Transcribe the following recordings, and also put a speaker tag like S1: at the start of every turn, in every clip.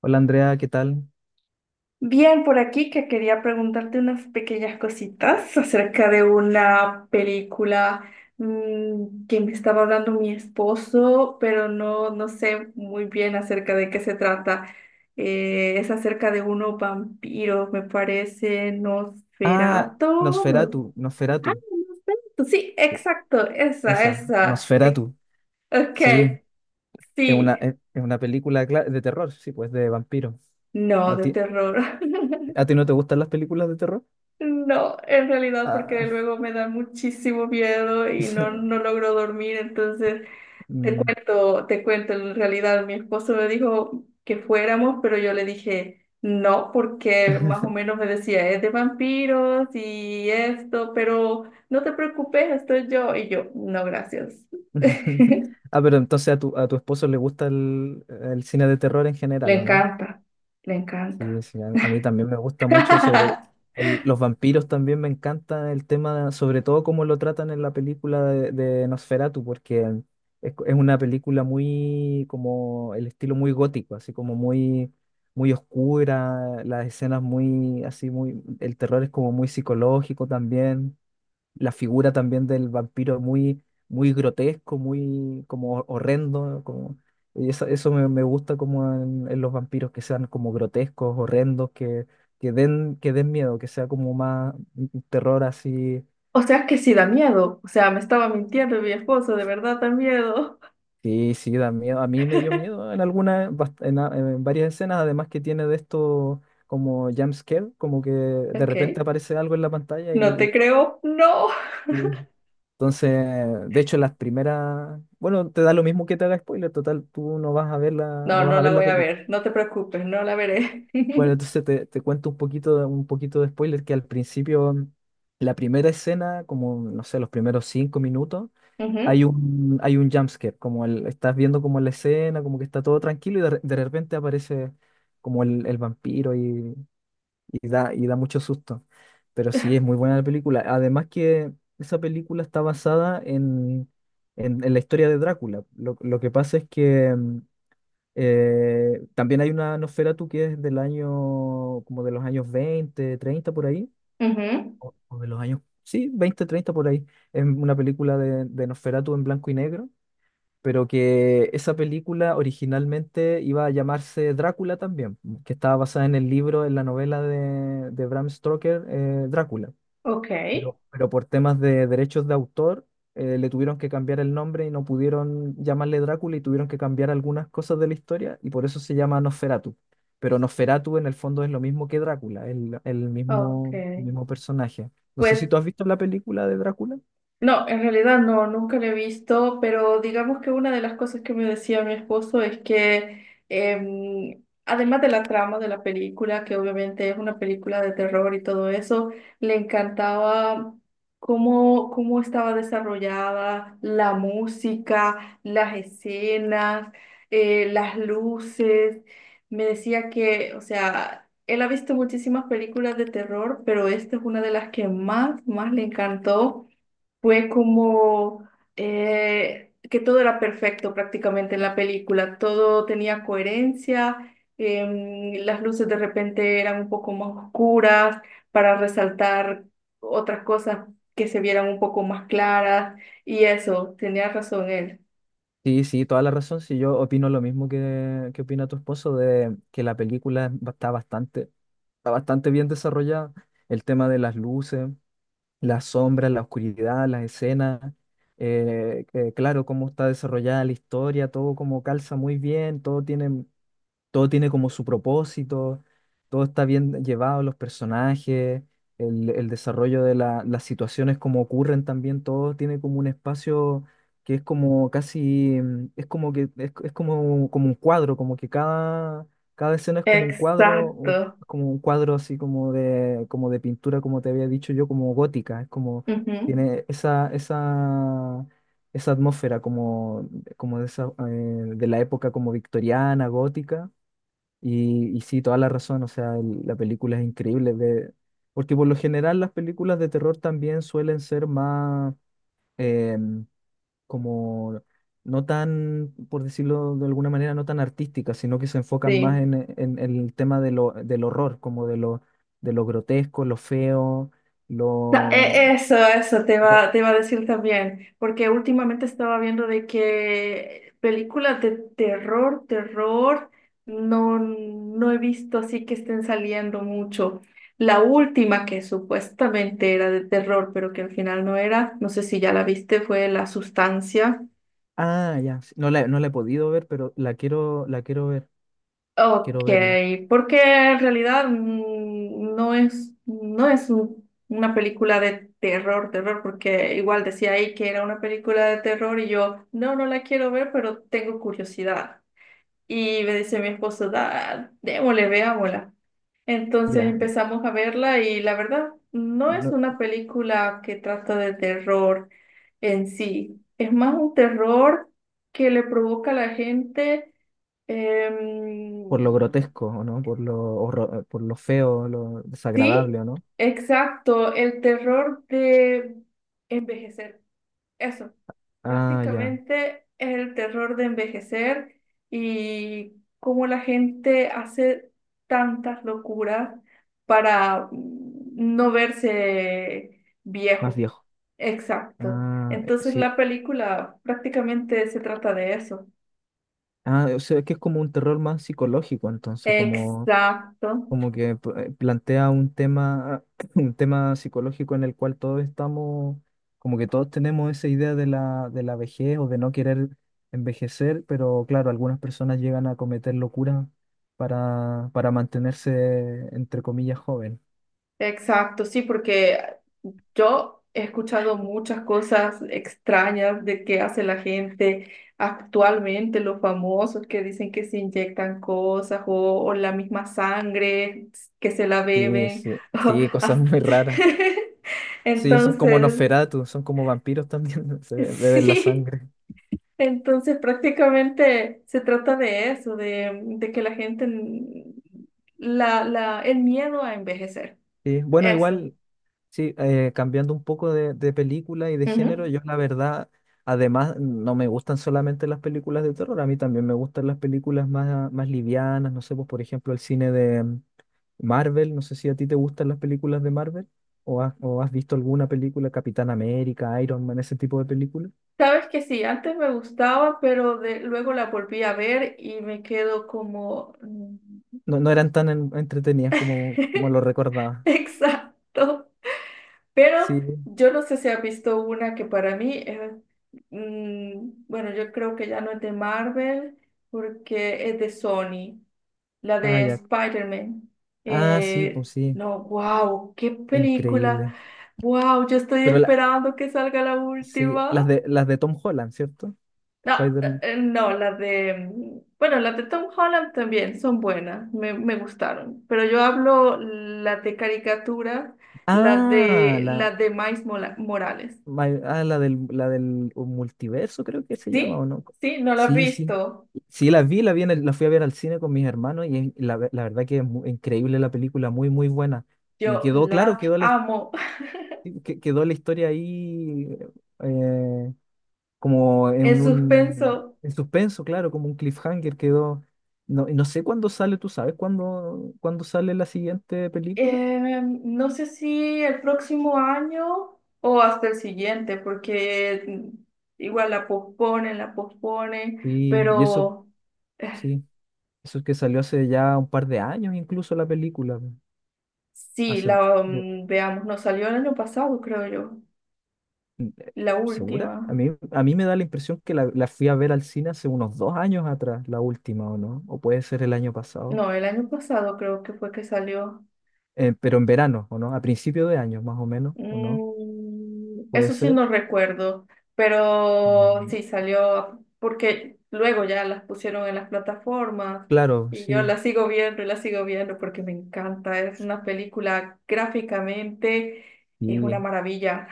S1: Hola Andrea, ¿qué tal?
S2: Bien, por aquí que quería preguntarte unas pequeñas cositas acerca de una película que me estaba hablando mi esposo, pero no sé muy bien acerca de qué se trata. Es acerca de unos vampiros, me parece,
S1: Ah,
S2: Nosferatu.
S1: Nosferatu, Nosferatu,
S2: No, sí,
S1: e-
S2: exacto, esa,
S1: esa,
S2: esa. Eh,
S1: Nosferatu,
S2: Ok,
S1: sí, es una,
S2: sí.
S1: es, es una película de terror, sí, pues de vampiro.
S2: No,
S1: ¿A
S2: de
S1: ti,
S2: terror.
S1: a ti no te gustan las películas de terror?
S2: No, en realidad porque
S1: Ah,
S2: luego me da muchísimo miedo y no, no logro dormir, entonces te
S1: mm.
S2: cuento, te cuento, en realidad mi esposo me dijo que fuéramos, pero yo le dije no, porque más o menos me decía, es de vampiros y esto, pero no te preocupes, estoy yo, y yo, no, gracias.
S1: Ah, pero entonces a tu esposo le gusta el cine de terror en
S2: Le
S1: general, ¿o no?
S2: encanta, le
S1: Sí,
S2: encanta.
S1: pues, sí, a mí también me gusta mucho sobre los vampiros, también me encanta el tema, sobre todo cómo lo tratan en la película de Nosferatu, porque es una película muy, como el estilo muy gótico, así como muy, muy oscura, las escenas muy, así muy, el terror es como muy psicológico también. La figura también del vampiro muy, muy grotesco, muy como horrendo, como, y eso, eso me gusta como en los vampiros que sean como grotescos, horrendos, que den miedo, que sea como más un terror así.
S2: O sea que sí da miedo, o sea, me estaba mintiendo mi esposo, de verdad da miedo.
S1: Sí, sí, da miedo. A mí me dio miedo en algunas, en varias escenas, además que tiene de esto como jump scare, como que de
S2: Ok,
S1: repente aparece algo en la pantalla. Y,
S2: no te creo, no,
S1: Entonces, de hecho, las primeras, bueno, te da lo mismo que te haga spoiler, total, tú no vas a ver la,
S2: no,
S1: no vas
S2: no
S1: a
S2: la
S1: ver la
S2: voy a
S1: película.
S2: ver, no te preocupes, no la veré.
S1: Bueno, entonces te cuento un poquito, un poquito de spoiler, que al principio, la primera escena, como, no sé, los primeros 5 minutos, hay
S2: Ujú,
S1: un, hay un jumpscare, estás viendo como la escena, como que está todo tranquilo y de repente aparece como el vampiro y da mucho susto. Pero sí, es muy buena la película. Además que esa película está basada en la historia de Drácula. Lo que pasa es que también hay una Nosferatu que es del año, como de los años 20 30 por ahí,
S2: ujú,
S1: o de los años, sí, 20 30 por ahí. Es una película de Nosferatu en blanco y negro, pero que esa película originalmente iba a llamarse Drácula también, que estaba basada en el libro, en la novela de Bram Stoker, Drácula.
S2: ok,
S1: Pero por temas de derechos de autor, le tuvieron que cambiar el nombre y no pudieron llamarle Drácula, y tuvieron que cambiar algunas cosas de la historia y por eso se llama Nosferatu. Pero Nosferatu en el fondo es lo mismo que Drácula, el
S2: ok.
S1: mismo, mismo personaje. No sé si
S2: Pues
S1: tú has visto la película de Drácula.
S2: no, en realidad no, nunca lo he visto, pero digamos que una de las cosas que me decía mi esposo es que además de la trama de la película, que obviamente es una película de terror y todo eso, le encantaba cómo estaba desarrollada la música, las escenas, las luces. Me decía que, o sea, él ha visto muchísimas películas de terror, pero esta es una de las que más le encantó. Fue como que todo era perfecto prácticamente en la película, todo tenía coherencia, las luces de repente eran un poco más oscuras para resaltar otras cosas que se vieran un poco más claras y eso, tenía razón él.
S1: Sí, sí, toda la razón. Sí, yo opino lo mismo que opina tu esposo, de que la película es está bastante bien desarrollada. El tema de las luces, las sombras, la oscuridad, las escenas, claro, cómo está desarrollada la historia, todo como calza muy bien, todo tiene como su propósito, todo está bien llevado, los personajes, el desarrollo de las situaciones como ocurren también, todo tiene como un espacio que es como casi, es como que, como un cuadro, como que cada escena es como un cuadro,
S2: Exacto.
S1: como un cuadro así como de pintura, como te había dicho yo, como gótica, es como,
S2: Ujú,
S1: tiene esa atmósfera, como, como de esa, de la época como victoriana, gótica. Y sí, toda la razón, o sea, la película es increíble, de porque por lo general las películas de terror también suelen ser más em, como, no tan, por decirlo de alguna manera, no tan artísticas, sino que se enfocan más
S2: sí.
S1: en el tema de lo, del horror, como de lo grotesco, lo feo, lo...
S2: Eso, eso te
S1: lo-
S2: iba, te iba a decir también, porque últimamente estaba viendo de que películas de terror, no, no he visto así que estén saliendo mucho. La última que supuestamente era de terror, pero que al final no era, no sé si ya la viste, fue La Sustancia.
S1: Ah, ya, sí, no la he podido ver, pero
S2: Ok,
S1: quiero verla.
S2: porque en realidad no es, no es una película de terror, porque igual decía ahí que era una película de terror y yo, no, no la quiero ver, pero tengo curiosidad. Y me dice mi esposo, da, démosle, veámosla. Entonces
S1: Ya,
S2: empezamos a verla y la verdad no es
S1: no-
S2: una película que trata de terror en sí, es más un terror que le provoca a la gente. Em,
S1: Por lo grotesco, ¿o no? Por lo, por lo feo, lo
S2: Sí,
S1: desagradable, ¿o no?
S2: exacto, el terror de envejecer. Eso,
S1: Ah, ya,
S2: prácticamente es el terror de envejecer y cómo la gente hace tantas locuras para no verse
S1: más
S2: viejo.
S1: viejo.
S2: Exacto.
S1: Ah,
S2: Entonces
S1: sí.
S2: la película prácticamente se trata de eso.
S1: Ah, o sea, que es como un terror más psicológico, entonces, como,
S2: Exacto.
S1: como que plantea un tema, un tema psicológico en el cual todos estamos, como que todos tenemos esa idea de la vejez o de no querer envejecer, pero claro, algunas personas llegan a cometer locuras para mantenerse, entre comillas, jóvenes.
S2: Exacto, sí, porque yo he escuchado muchas cosas extrañas de qué hace la gente actualmente, los famosos que dicen que se inyectan cosas o la misma sangre que se la
S1: Sí,
S2: beben.
S1: sí,
S2: o
S1: sí, cosas
S2: as-
S1: muy raras. Sí, son como
S2: Entonces,
S1: Nosferatu, son como vampiros también, se beben la
S2: sí,
S1: sangre.
S2: entonces prácticamente se trata de eso, de que la gente, el miedo a envejecer.
S1: Sí, bueno,
S2: Eso.
S1: igual, sí, cambiando un poco de película y de género, yo la verdad, además, no me gustan solamente las películas de terror, a mí también me gustan las películas más, más livianas, no sé, pues por ejemplo el cine de Marvel, no sé si a ti te gustan las películas de Marvel o has visto alguna película, Capitán América, Iron Man, ese tipo de películas.
S2: Sabes que sí, antes me gustaba, pero de, luego la volví a ver y me quedo como... mm.
S1: No, no eran tan entretenidas como, como lo recordaba.
S2: Exacto. Pero
S1: Sí,
S2: yo no sé si has visto una que para mí, bueno, yo creo que ya no es de Marvel porque es de Sony, la
S1: ah,
S2: de
S1: ya.
S2: Spider-Man.
S1: Ah, sí, pues sí,
S2: No, wow, qué
S1: increíble.
S2: película. Wow, yo estoy
S1: Pero la,
S2: esperando que salga la
S1: sí, las
S2: última.
S1: de las de Tom Holland, ¿cierto?
S2: No,
S1: Spider-Man.
S2: no, las de, bueno, las de Tom Holland también son buenas, me gustaron, pero yo hablo las de caricatura,
S1: Ah, la,
S2: las de Morales.
S1: my- ah, la del multiverso, creo que se llama,
S2: ¿Sí?
S1: ¿o no?
S2: ¿Sí? ¿No las has
S1: Sí, sí.
S2: visto?
S1: Sí, la vi en el- la fui a ver al cine con mis hermanos y la verdad que es increíble la película, muy, muy buena. Y
S2: Yo
S1: quedó claro,
S2: las amo.
S1: quedó la historia ahí, eh, como
S2: En
S1: en un
S2: suspenso,
S1: en suspenso, claro, como un cliffhanger quedó. No, no sé cuándo sale. Tú sabes cuándo sale la siguiente película.
S2: no sé si el próximo año o hasta el siguiente, porque igual la posponen,
S1: Y eso,
S2: pero...
S1: sí, eso es que salió hace ya un par de años incluso la película.
S2: Sí,
S1: Hace,
S2: la,
S1: yo,
S2: veamos, nos salió el año pasado, creo yo.
S1: mm, eh,
S2: La
S1: ¿Segura? A
S2: última.
S1: mí, a mí me da la impresión que la fui a ver al cine hace unos 2 años atrás, la última, ¿o no? O puede ser el año pasado.
S2: No, el año pasado creo que fue que salió.
S1: Pero en verano, ¿o no? A principio de año, más o menos, ¿o no? Puede
S2: Eso sí
S1: ser.
S2: no recuerdo, pero
S1: Mm,
S2: sí salió porque luego ya las pusieron en las plataformas
S1: claro,
S2: y yo
S1: sí.
S2: las sigo viendo y las sigo viendo porque me encanta. Es una película gráficamente, es una
S1: Sí,
S2: maravilla.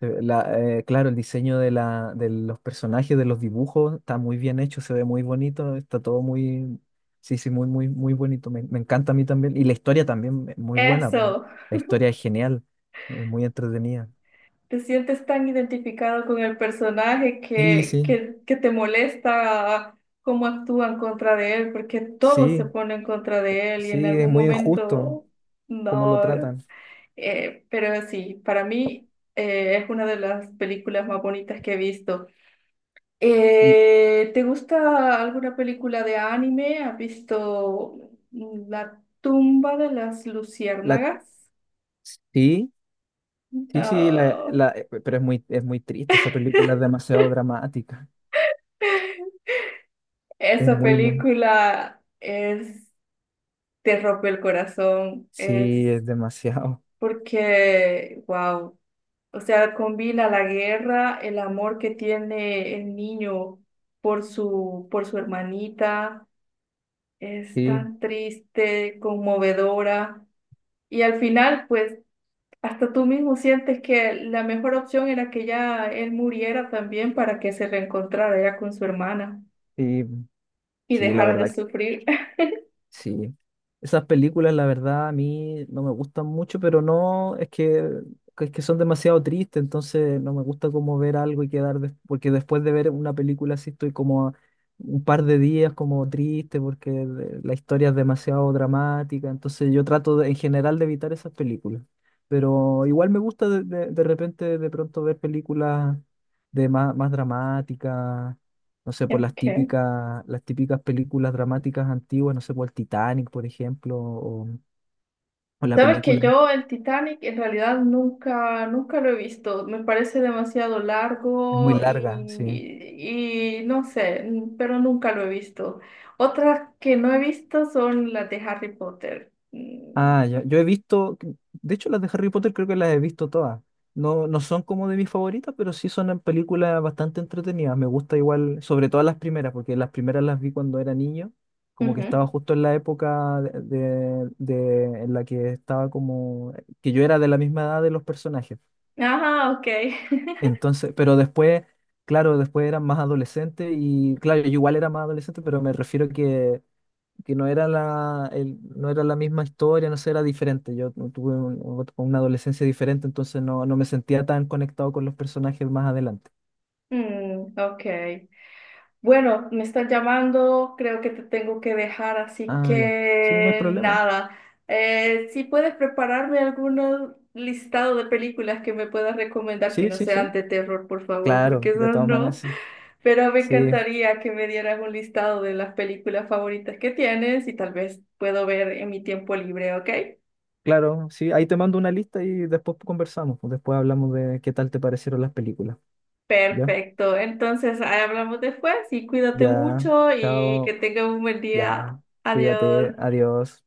S1: Claro, el diseño de, la, de los personajes, de los dibujos, está muy bien hecho, se ve muy bonito, está todo muy, sí, sí, muy, muy, muy bonito. Me encanta a mí también. Y la historia también, es muy buena.
S2: Eso.
S1: La historia es genial, es muy entretenida.
S2: Te sientes tan identificado con el personaje
S1: Sí,
S2: que,
S1: sí.
S2: que, que te molesta cómo actúan contra de él, porque todos se
S1: Sí,
S2: ponen contra de él y en
S1: sí, es
S2: algún
S1: muy injusto
S2: momento
S1: cómo lo
S2: no.
S1: tratan.
S2: Pero sí, para mí es una de las películas más bonitas que he visto.
S1: Y
S2: ¿Te gusta alguna película de anime? ¿Has visto La tumba de las
S1: la,
S2: luciérnagas?
S1: sí, sí, sí,
S2: Ah,
S1: pero es muy triste, esa película es demasiado dramática. Es
S2: esa
S1: muy, muy,
S2: película es te rompe el corazón,
S1: sí,
S2: es
S1: es demasiado.
S2: porque, wow, o sea, combina la guerra, el amor que tiene el niño por su hermanita, es
S1: Sí,
S2: tan triste, conmovedora, y al final, pues, hasta tú mismo sientes que la mejor opción era que ya él muriera también para que se reencontrara ya con su hermana
S1: sí,
S2: y
S1: sí, la
S2: dejara de
S1: verdad que
S2: sufrir.
S1: sí, esas películas la verdad a mí no me gustan mucho, pero no, es que, es que son demasiado tristes, entonces no me gusta como ver algo y porque después de ver una película así estoy como un par de días como triste porque la historia es demasiado dramática, entonces yo trato en general de evitar esas películas, pero igual me gusta de repente de pronto ver películas de más, más dramáticas, no sé, por
S2: Ok.
S1: las típicas películas dramáticas antiguas, no sé, por el Titanic, por ejemplo, o la
S2: Sabes que
S1: película
S2: yo el Titanic en realidad nunca lo he visto. Me parece demasiado
S1: es muy
S2: largo
S1: larga, sí.
S2: y no sé, pero nunca lo he visto. Otras que no he visto son las de Harry Potter.
S1: Ah,
S2: Mm,
S1: ya, yo he visto, de hecho las de Harry Potter creo que las he visto todas. No, no son como de mis favoritas, pero sí son en películas bastante entretenidas. Me gusta igual, sobre todo las primeras, porque las primeras las vi cuando era niño, como que estaba
S2: ujú.
S1: justo en la época en la que estaba como, que yo era de la misma edad de los personajes.
S2: Ajá, ok.
S1: Entonces, pero después, claro, después era más adolescente y claro, yo igual era más adolescente, pero me refiero que no era no era la misma historia, no sé, era diferente. Yo tuve una adolescencia diferente, entonces no, no me sentía tan conectado con los personajes más adelante.
S2: Mm, ok. Bueno, me están llamando, creo que te tengo que dejar, así
S1: Ah, ya. Sí, no hay
S2: que
S1: problema.
S2: nada. Si puedes prepararme algún listado de películas que me puedas recomendar que
S1: Sí,
S2: no
S1: sí,
S2: sean
S1: sí.
S2: de terror, por favor, porque
S1: Claro, de
S2: esas
S1: todas maneras,
S2: no.
S1: sí.
S2: Pero me
S1: Sí,
S2: encantaría que me dieras un listado de las películas favoritas que tienes y tal vez puedo ver en mi tiempo libre, ¿ok?
S1: claro, sí. Ahí te mando una lista y después conversamos, pues. Después hablamos de qué tal te parecieron las películas. ¿Ya?
S2: Perfecto. Entonces, ahí hablamos después y cuídate
S1: Ya.
S2: mucho y que
S1: Chao.
S2: tengas un buen día.
S1: Ya, cuídate,
S2: Adiós.
S1: adiós.